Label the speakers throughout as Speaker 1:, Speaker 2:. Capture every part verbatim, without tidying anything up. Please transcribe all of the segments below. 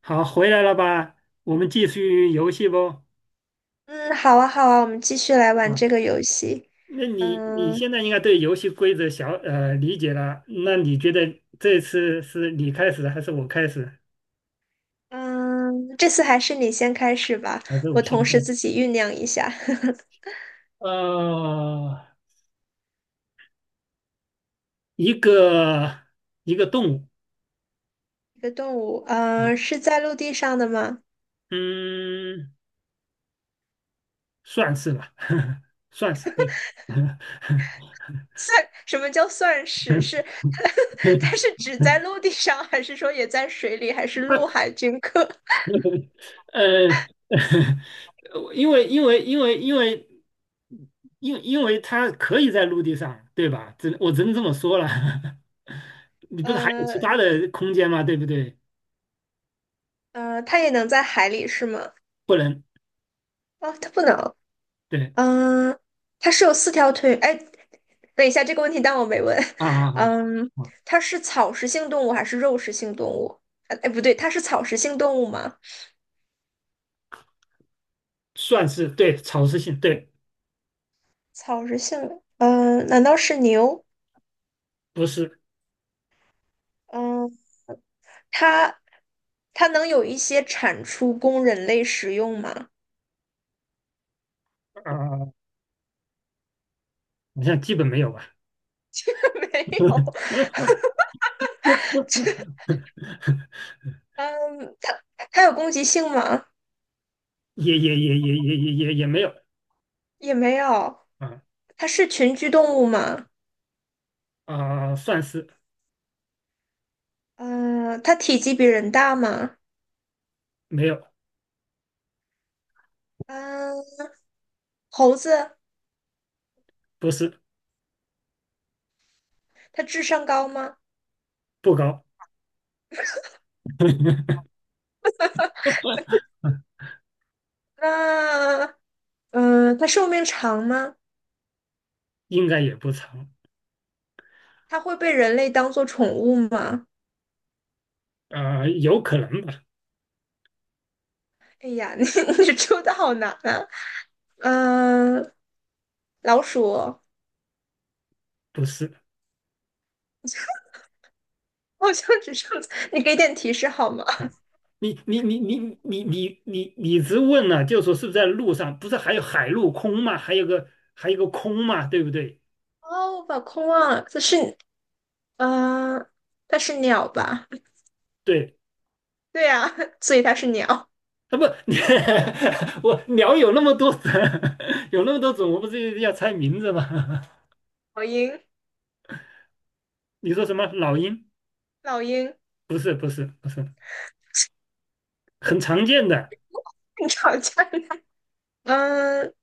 Speaker 1: 好，回来了吧？我们继续游戏不？
Speaker 2: 嗯，好啊，好啊，我们继续来玩
Speaker 1: 啊，
Speaker 2: 这个游戏。
Speaker 1: 那你你
Speaker 2: 嗯
Speaker 1: 现在应该对游戏规则小呃理解了，那你觉得这次是你开始还是我开始，
Speaker 2: 嗯，这次还是你先开始吧，
Speaker 1: 还是我
Speaker 2: 我
Speaker 1: 先
Speaker 2: 同
Speaker 1: 开
Speaker 2: 时
Speaker 1: 始？
Speaker 2: 自己酝酿一下。
Speaker 1: 呃，一个一个动物，
Speaker 2: 一个动物，嗯，是在陆地上的吗？
Speaker 1: 嗯，算是吧，算是对。
Speaker 2: 算，什么叫算是？是 它是只在陆地上，还是说也在水里，还是
Speaker 1: 它
Speaker 2: 陆海均可？
Speaker 1: 呃，呃因为因为因为因为因因为它可以在陆地上，对吧？只我只能这么说了。你不是还有其
Speaker 2: 呃
Speaker 1: 他的空间吗？对不对？
Speaker 2: 呃，它也能在海里是吗？
Speaker 1: 不能，
Speaker 2: 哦，它不能。
Speaker 1: 对，
Speaker 2: 嗯，它是有四条腿。哎，等一下，这个问题当我没问。
Speaker 1: 啊啊 啊，
Speaker 2: 嗯，
Speaker 1: 啊，
Speaker 2: 它是草食性动物还是肉食性动物？呃哎，不对，它是草食性动物吗？
Speaker 1: 算是对，草食性，对，
Speaker 2: 草食性，嗯，难道是牛？
Speaker 1: 不是
Speaker 2: 嗯，它它能有一些产出供人类食用吗？
Speaker 1: 啊，好像基本没有吧？
Speaker 2: 没有。嗯，它它有攻击性吗？
Speaker 1: 也也也也也也也也没有，
Speaker 2: 也没有。
Speaker 1: 啊
Speaker 2: 它是群居动物吗？
Speaker 1: 啊，算是，
Speaker 2: 嗯，它体积比人大吗？
Speaker 1: 没有，
Speaker 2: 嗯，猴子。
Speaker 1: 不是，
Speaker 2: 它智商高吗？
Speaker 1: 不高，
Speaker 2: 那嗯、呃它寿命长吗？
Speaker 1: 应该也不长，
Speaker 2: 它会被人类当做宠物吗？
Speaker 1: 啊，有可能吧？
Speaker 2: 哎呀，你你出的好难啊！嗯、呃老鼠
Speaker 1: 不是。
Speaker 2: 好像只剩，你给点提示好吗？
Speaker 1: 你你你你你你你你直问了，就说是不是在路上？不是还有海陆空嘛？还有个还有个空嘛？对不对？
Speaker 2: 哦，我把空忘了，这是嗯、呃它是鸟吧？
Speaker 1: 对，
Speaker 2: 对呀、啊所以它是鸟。
Speaker 1: 啊不，你我鸟有那么多种，有那么多种，我不是要猜名字吗？
Speaker 2: 老鹰，
Speaker 1: 你说什么老鹰？
Speaker 2: 老鹰，
Speaker 1: 不是不是不是，很常见的，
Speaker 2: 你吵架。嗯，呃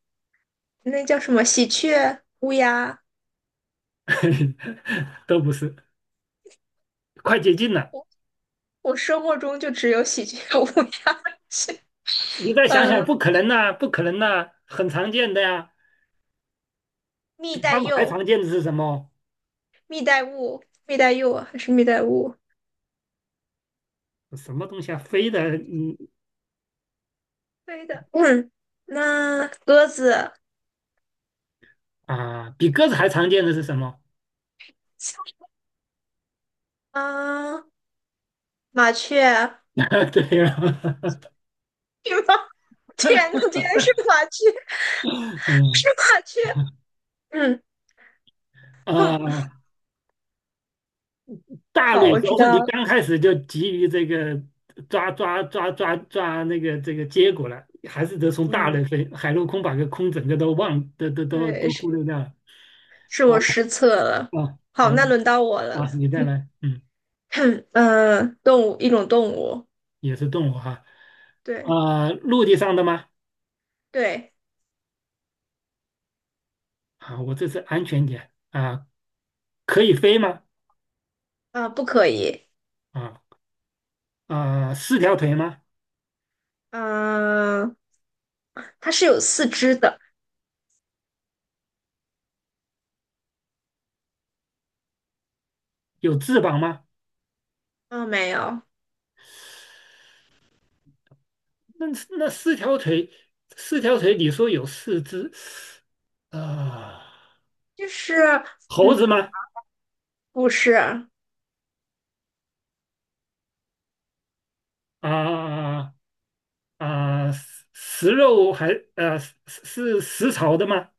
Speaker 2: 那叫什么？喜鹊、乌鸦。
Speaker 1: 都不是，快接近了。
Speaker 2: 我生活中就只有喜鹊、乌鸦。
Speaker 1: 你 再想
Speaker 2: 嗯，
Speaker 1: 想，
Speaker 2: 呃
Speaker 1: 不可能呐、不可能呐、很常见的呀、
Speaker 2: 蜜
Speaker 1: 比他
Speaker 2: 袋
Speaker 1: 们还
Speaker 2: 鼬、
Speaker 1: 常见的是什么？
Speaker 2: 蜜袋鼯、蜜袋鼬还是蜜袋鼯？
Speaker 1: 什么东西啊？飞的，嗯，
Speaker 2: 对的。嗯，那鸽子，
Speaker 1: 啊，比鸽子还常见的是什么？
Speaker 2: 啊，麻雀，
Speaker 1: 对呀，
Speaker 2: 对吗天呐，竟然是麻雀，
Speaker 1: 嗯，
Speaker 2: 是麻雀。嗯，哼
Speaker 1: 呃，大
Speaker 2: 好，
Speaker 1: 类
Speaker 2: 我知
Speaker 1: 都是你
Speaker 2: 道了。
Speaker 1: 刚开始就急于这个抓抓抓抓抓那个这个结果了，还是得从大
Speaker 2: 嗯，
Speaker 1: 类飞，海陆空把个空整个都忘，都都都
Speaker 2: 对，
Speaker 1: 都
Speaker 2: 是
Speaker 1: 忽略掉了。
Speaker 2: 是
Speaker 1: 好
Speaker 2: 我失策了。
Speaker 1: 啊，好
Speaker 2: 好，那轮到我了。
Speaker 1: 啊，你再来，嗯，
Speaker 2: 哼嗯、呃动物，一种动物。
Speaker 1: 也是动物哈，
Speaker 2: 对
Speaker 1: 啊，陆地上的吗？
Speaker 2: 对，
Speaker 1: 啊，我这是安全点啊，可以飞吗？
Speaker 2: 啊、不可以。
Speaker 1: 啊啊，四条腿吗？
Speaker 2: 嗯、它是有四肢的。
Speaker 1: 有翅膀吗？
Speaker 2: 嗯、没有，
Speaker 1: 那那四条腿，四条腿，你说有四只，啊、
Speaker 2: 就是，
Speaker 1: 猴
Speaker 2: 嗯，
Speaker 1: 子吗？
Speaker 2: 不是，
Speaker 1: 啊啊，食食肉还呃是是食草的吗？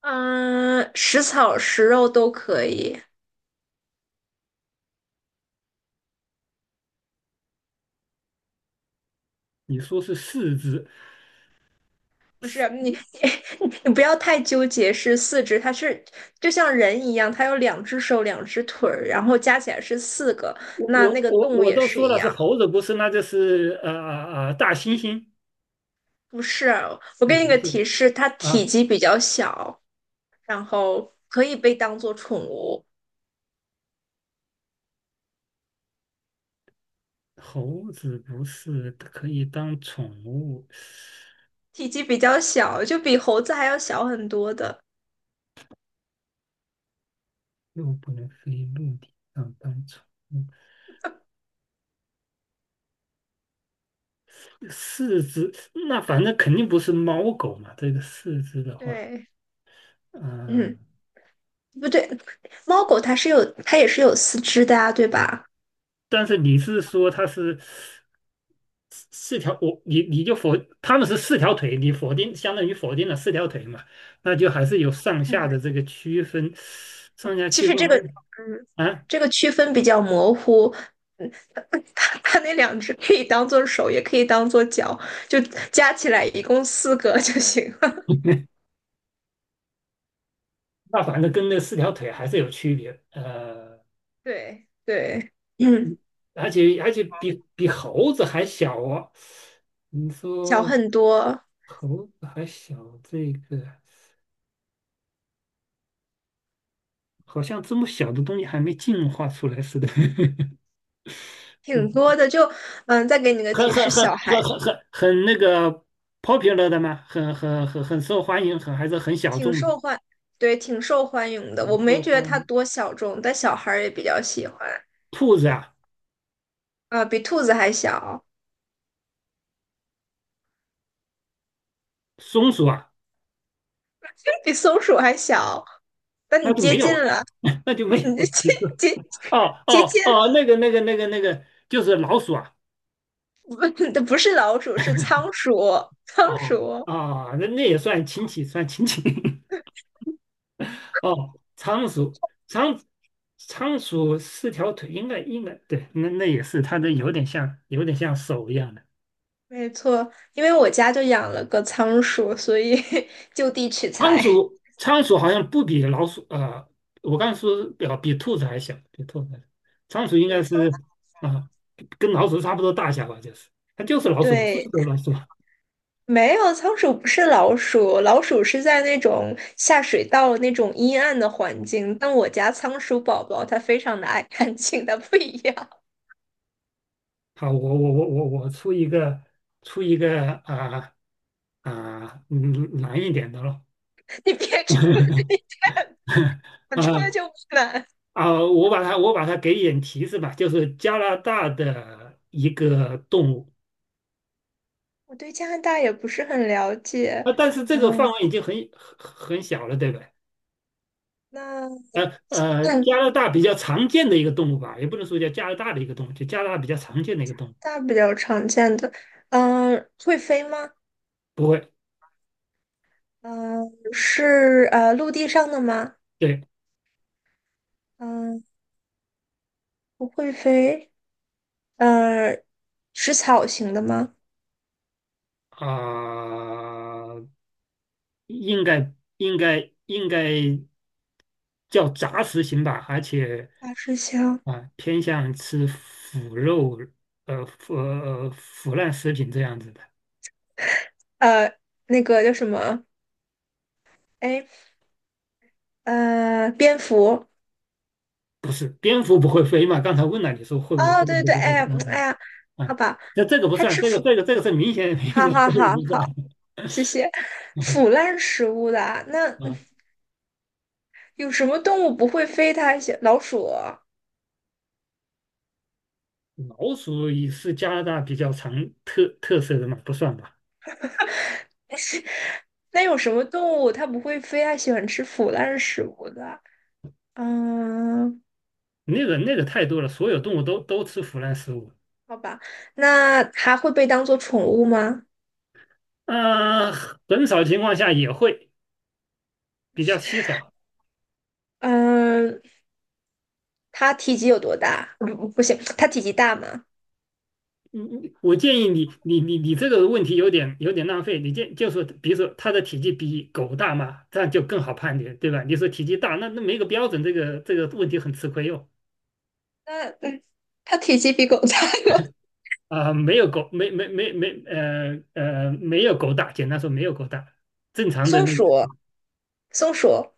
Speaker 2: 嗯，食草食肉都可以。
Speaker 1: 你说是四只，
Speaker 2: 不是你，你你不要太纠结是四肢，它是就像人一样，它有两只手、两只腿儿，然后加起来是四个。
Speaker 1: 我
Speaker 2: 那那
Speaker 1: 我
Speaker 2: 个
Speaker 1: 我
Speaker 2: 动物
Speaker 1: 我
Speaker 2: 也
Speaker 1: 都
Speaker 2: 是
Speaker 1: 说
Speaker 2: 一
Speaker 1: 了是
Speaker 2: 样。
Speaker 1: 猴子，不是，那就是呃呃大猩猩，
Speaker 2: 不是，我给
Speaker 1: 也
Speaker 2: 你
Speaker 1: 不
Speaker 2: 个
Speaker 1: 是，
Speaker 2: 提示，它
Speaker 1: 啊，
Speaker 2: 体积比较小，然后可以被当做宠物。
Speaker 1: 猴子不是可以当宠物，
Speaker 2: 体积比较小，就比猴子还要小很多的。
Speaker 1: 又不能飞陆地上当宠物。四只，那反正肯定不是猫狗嘛。这个四只的话，
Speaker 2: 对，
Speaker 1: 嗯、
Speaker 2: 嗯，不对，猫狗它是有，它也是有四肢的啊，对吧？
Speaker 1: 但是你是说它是四四条，我你你就否，它们是四条腿，你否定相当于否定了四条腿嘛，那就还是有上下的这个区分，上下
Speaker 2: 其
Speaker 1: 区
Speaker 2: 实
Speaker 1: 分
Speaker 2: 这个，
Speaker 1: 还，
Speaker 2: 嗯，
Speaker 1: 啊，
Speaker 2: 这个区分比较模糊。嗯，它它那两只可以当做手，也可以当做脚，就加起来一共四个就行了。
Speaker 1: 那反正跟那四条腿还是有区别，呃，
Speaker 2: 对对，嗯，
Speaker 1: 而且而且比比猴子还小哦，你
Speaker 2: 小
Speaker 1: 说
Speaker 2: 很多，
Speaker 1: 猴子还小这个。好像这么小的东西还没进化出来似的，
Speaker 2: 挺多 的。就嗯，再给你个
Speaker 1: 很
Speaker 2: 提
Speaker 1: 很
Speaker 2: 示，
Speaker 1: 很
Speaker 2: 小孩
Speaker 1: 很很很很那个 popular 的吗？很很很很受欢迎，很还是很小
Speaker 2: 挺
Speaker 1: 众的，
Speaker 2: 受欢，对，挺受欢迎的。我
Speaker 1: 很
Speaker 2: 没
Speaker 1: 受
Speaker 2: 觉得
Speaker 1: 欢
Speaker 2: 它
Speaker 1: 迎。
Speaker 2: 多小众，但小孩儿也比较喜欢。
Speaker 1: 兔子啊，
Speaker 2: 啊、比兔子还小，
Speaker 1: 松鼠啊，
Speaker 2: 比松鼠还小，但
Speaker 1: 那
Speaker 2: 你
Speaker 1: 就
Speaker 2: 接
Speaker 1: 没
Speaker 2: 近
Speaker 1: 有了，
Speaker 2: 了，
Speaker 1: 那就没
Speaker 2: 你接
Speaker 1: 有了。
Speaker 2: 接接
Speaker 1: 哦
Speaker 2: 接
Speaker 1: 哦
Speaker 2: 近
Speaker 1: 哦，那个那个那个那个，就是老鼠啊。
Speaker 2: 不是老鼠，是仓鼠，仓
Speaker 1: 哦
Speaker 2: 鼠，
Speaker 1: 啊，那那也算亲戚，算亲戚。哦，仓鼠，仓仓鼠四条腿，应该应该对，那那也是它的有点像有点像手一样的。
Speaker 2: 没错。因为我家就养了个仓鼠，所以 就地取
Speaker 1: 仓
Speaker 2: 材。
Speaker 1: 鼠仓鼠好像不比老鼠啊，我刚才说表比兔子还小，比兔子还小。仓鼠应
Speaker 2: 对，
Speaker 1: 该
Speaker 2: 仓，
Speaker 1: 是，啊、跟老鼠差不多大小吧，就是它就是老鼠，是
Speaker 2: 对，
Speaker 1: 个老鼠。
Speaker 2: 没有，仓鼠不是老鼠，老鼠是在那种下水道那种阴暗的环境，但我家仓鼠宝宝它非常的爱干净，它不一样。
Speaker 1: 好，我我我我我出一个出一个啊，啊、嗯，难一点的咯。
Speaker 2: 你别出，你别不出来
Speaker 1: 啊，
Speaker 2: 就不难。
Speaker 1: 啊、我把它我把它给一点提示吧，就是加拿大的一个动物
Speaker 2: 我对加拿大也不是很了解，
Speaker 1: 啊，但是这个
Speaker 2: 嗯，
Speaker 1: 范围已经很很很小了，对不对？
Speaker 2: 那
Speaker 1: 呃呃，加拿大比较常见的一个动物吧，也不能说叫加拿大的一个动物，就加拿大比较常见的一个动物。
Speaker 2: 大比较常见的，嗯、会飞吗？
Speaker 1: 不会，
Speaker 2: 嗯、是呃陆地上的吗？
Speaker 1: 对，
Speaker 2: 嗯、不会飞，呃，食草型的吗？
Speaker 1: 啊、应该应该应该叫杂食型吧，而且
Speaker 2: 大吃香。
Speaker 1: 啊、偏向吃腐肉，呃腐呃腐烂食品这样子的。
Speaker 2: 呃，那个叫什么？哎，呃，蝙蝠。
Speaker 1: 不是，蝙蝠不会飞嘛？刚才问了你说会不会
Speaker 2: 哦，
Speaker 1: 飞，本
Speaker 2: 对
Speaker 1: 不
Speaker 2: 对，哎
Speaker 1: 会飞，
Speaker 2: 呀，哎
Speaker 1: 嗯
Speaker 2: 呀，
Speaker 1: 嗯，
Speaker 2: 好
Speaker 1: 啊，
Speaker 2: 吧，
Speaker 1: 那这个不
Speaker 2: 还
Speaker 1: 算，
Speaker 2: 吃
Speaker 1: 这个
Speaker 2: 腐，
Speaker 1: 这个这个是明显明显
Speaker 2: 好好
Speaker 1: 这个
Speaker 2: 好
Speaker 1: 不算
Speaker 2: 好，
Speaker 1: 啊。
Speaker 2: 谢谢。
Speaker 1: 嗯，
Speaker 2: 腐烂食物的啊，那嗯
Speaker 1: 啊，
Speaker 2: 有什么动物不会飞它？老鼠。
Speaker 1: 老鼠也是加拿大比较常特特色的嘛，不算吧？
Speaker 2: 那有什么动物它不会飞？它喜欢吃腐烂的食物的？嗯，
Speaker 1: 那个那个太多了，所有动物都都吃腐烂食物。
Speaker 2: 好吧。那它会被当做宠物吗？
Speaker 1: 嗯，很少情况下也会，比较稀少。
Speaker 2: 嗯，它体积有多大？不，不行，它体积大吗？
Speaker 1: 嗯嗯，我建议你，你你你这个问题有点有点浪费。你建就是，比如说它的体积比狗大嘛，这样就更好判别，对吧？你说体积大，那那没个标准，这个这个问题很吃亏哟。
Speaker 2: 那它体积比狗大吗？
Speaker 1: 啊、没有狗，没没没没，呃呃，没有狗大，简单说没有狗大，正 常的
Speaker 2: 松
Speaker 1: 那个，
Speaker 2: 鼠，松鼠，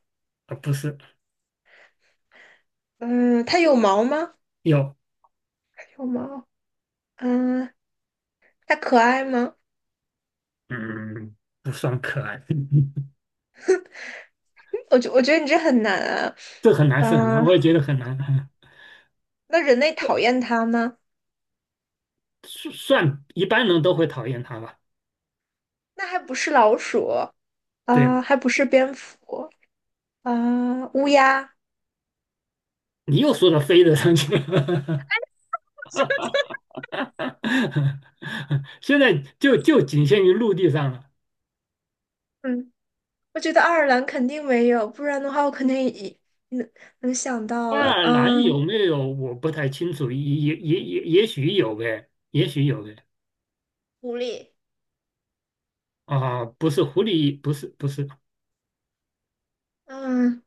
Speaker 1: 啊，不是
Speaker 2: 嗯，它有毛吗？
Speaker 1: 有，
Speaker 2: 有毛。嗯，它可爱吗？嗯
Speaker 1: 嗯，不算可爱，
Speaker 2: 我觉我觉得你这很难啊。
Speaker 1: 这很难，是很难，
Speaker 2: 嗯，
Speaker 1: 我也觉得很难，嗯，
Speaker 2: 那人类讨厌它吗？
Speaker 1: 算算一般人都会讨厌它吧？
Speaker 2: 那还不是老鼠
Speaker 1: 对，
Speaker 2: 啊，还不是蝙蝠。啊，乌鸦，
Speaker 1: 你又说到飞的上去了。现在就就仅限于陆地上了。
Speaker 2: 嗯，我觉得爱尔兰肯定没有，不然的话我肯定已能能想到
Speaker 1: 爱
Speaker 2: 了，
Speaker 1: 尔兰
Speaker 2: 嗯，
Speaker 1: 有没有我不太清楚，也也也也也许有呗，也许有呗。
Speaker 2: 狐狸，
Speaker 1: 啊，不是狐狸，不是不是，
Speaker 2: 嗯，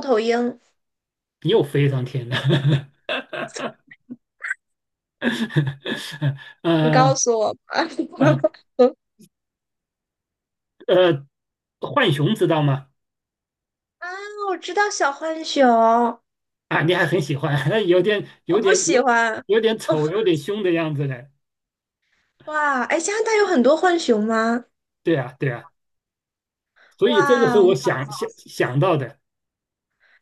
Speaker 2: 猫头鹰，
Speaker 1: 又飞上天了。
Speaker 2: 你
Speaker 1: 呃
Speaker 2: 告诉我吧。
Speaker 1: 呃 呃，浣熊知道吗？
Speaker 2: 啊，我知道小浣熊，
Speaker 1: 啊，你还很喜欢，有点有
Speaker 2: 我不
Speaker 1: 点
Speaker 2: 喜
Speaker 1: 有
Speaker 2: 欢。
Speaker 1: 有点
Speaker 2: 哦
Speaker 1: 丑，有点凶的样子嘞。
Speaker 2: 哇，哎，加拿大有很多浣熊吗？
Speaker 1: 对啊对啊，所以这个是
Speaker 2: 哇，
Speaker 1: 我想想想到的。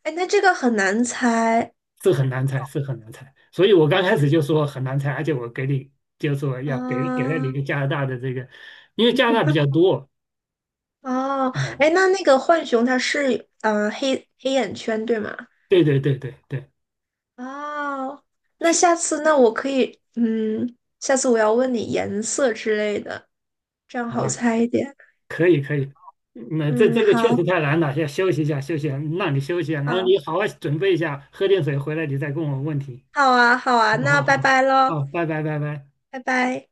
Speaker 2: 哎，那这个很难猜
Speaker 1: 是很难猜，是很难猜。所以我刚开始就说很难猜，而且我给你就说要给给了你一
Speaker 2: 啊。
Speaker 1: 个加拿大的这个，因为加拿大比较多。
Speaker 2: 哦，哎，
Speaker 1: 嗯，
Speaker 2: 那那个浣熊它是嗯呃黑黑眼圈对吗？
Speaker 1: 对对对对对，
Speaker 2: 哦，那
Speaker 1: 去，
Speaker 2: 下次那我可以，嗯，下次我要问你颜色之类的，这样好
Speaker 1: 啊，
Speaker 2: 猜一点。
Speaker 1: 可以可以。嗯，那这
Speaker 2: 嗯，
Speaker 1: 这个确
Speaker 2: 好，
Speaker 1: 实太难了，要休息一下，休息一下，让你休息一下，然后
Speaker 2: 好，
Speaker 1: 你好好准备一下，喝点水回来，你再问我问题。
Speaker 2: 好啊，好啊，
Speaker 1: 好
Speaker 2: 那
Speaker 1: 好
Speaker 2: 拜
Speaker 1: 好，
Speaker 2: 拜喽，
Speaker 1: 好，拜拜拜拜。
Speaker 2: 拜拜。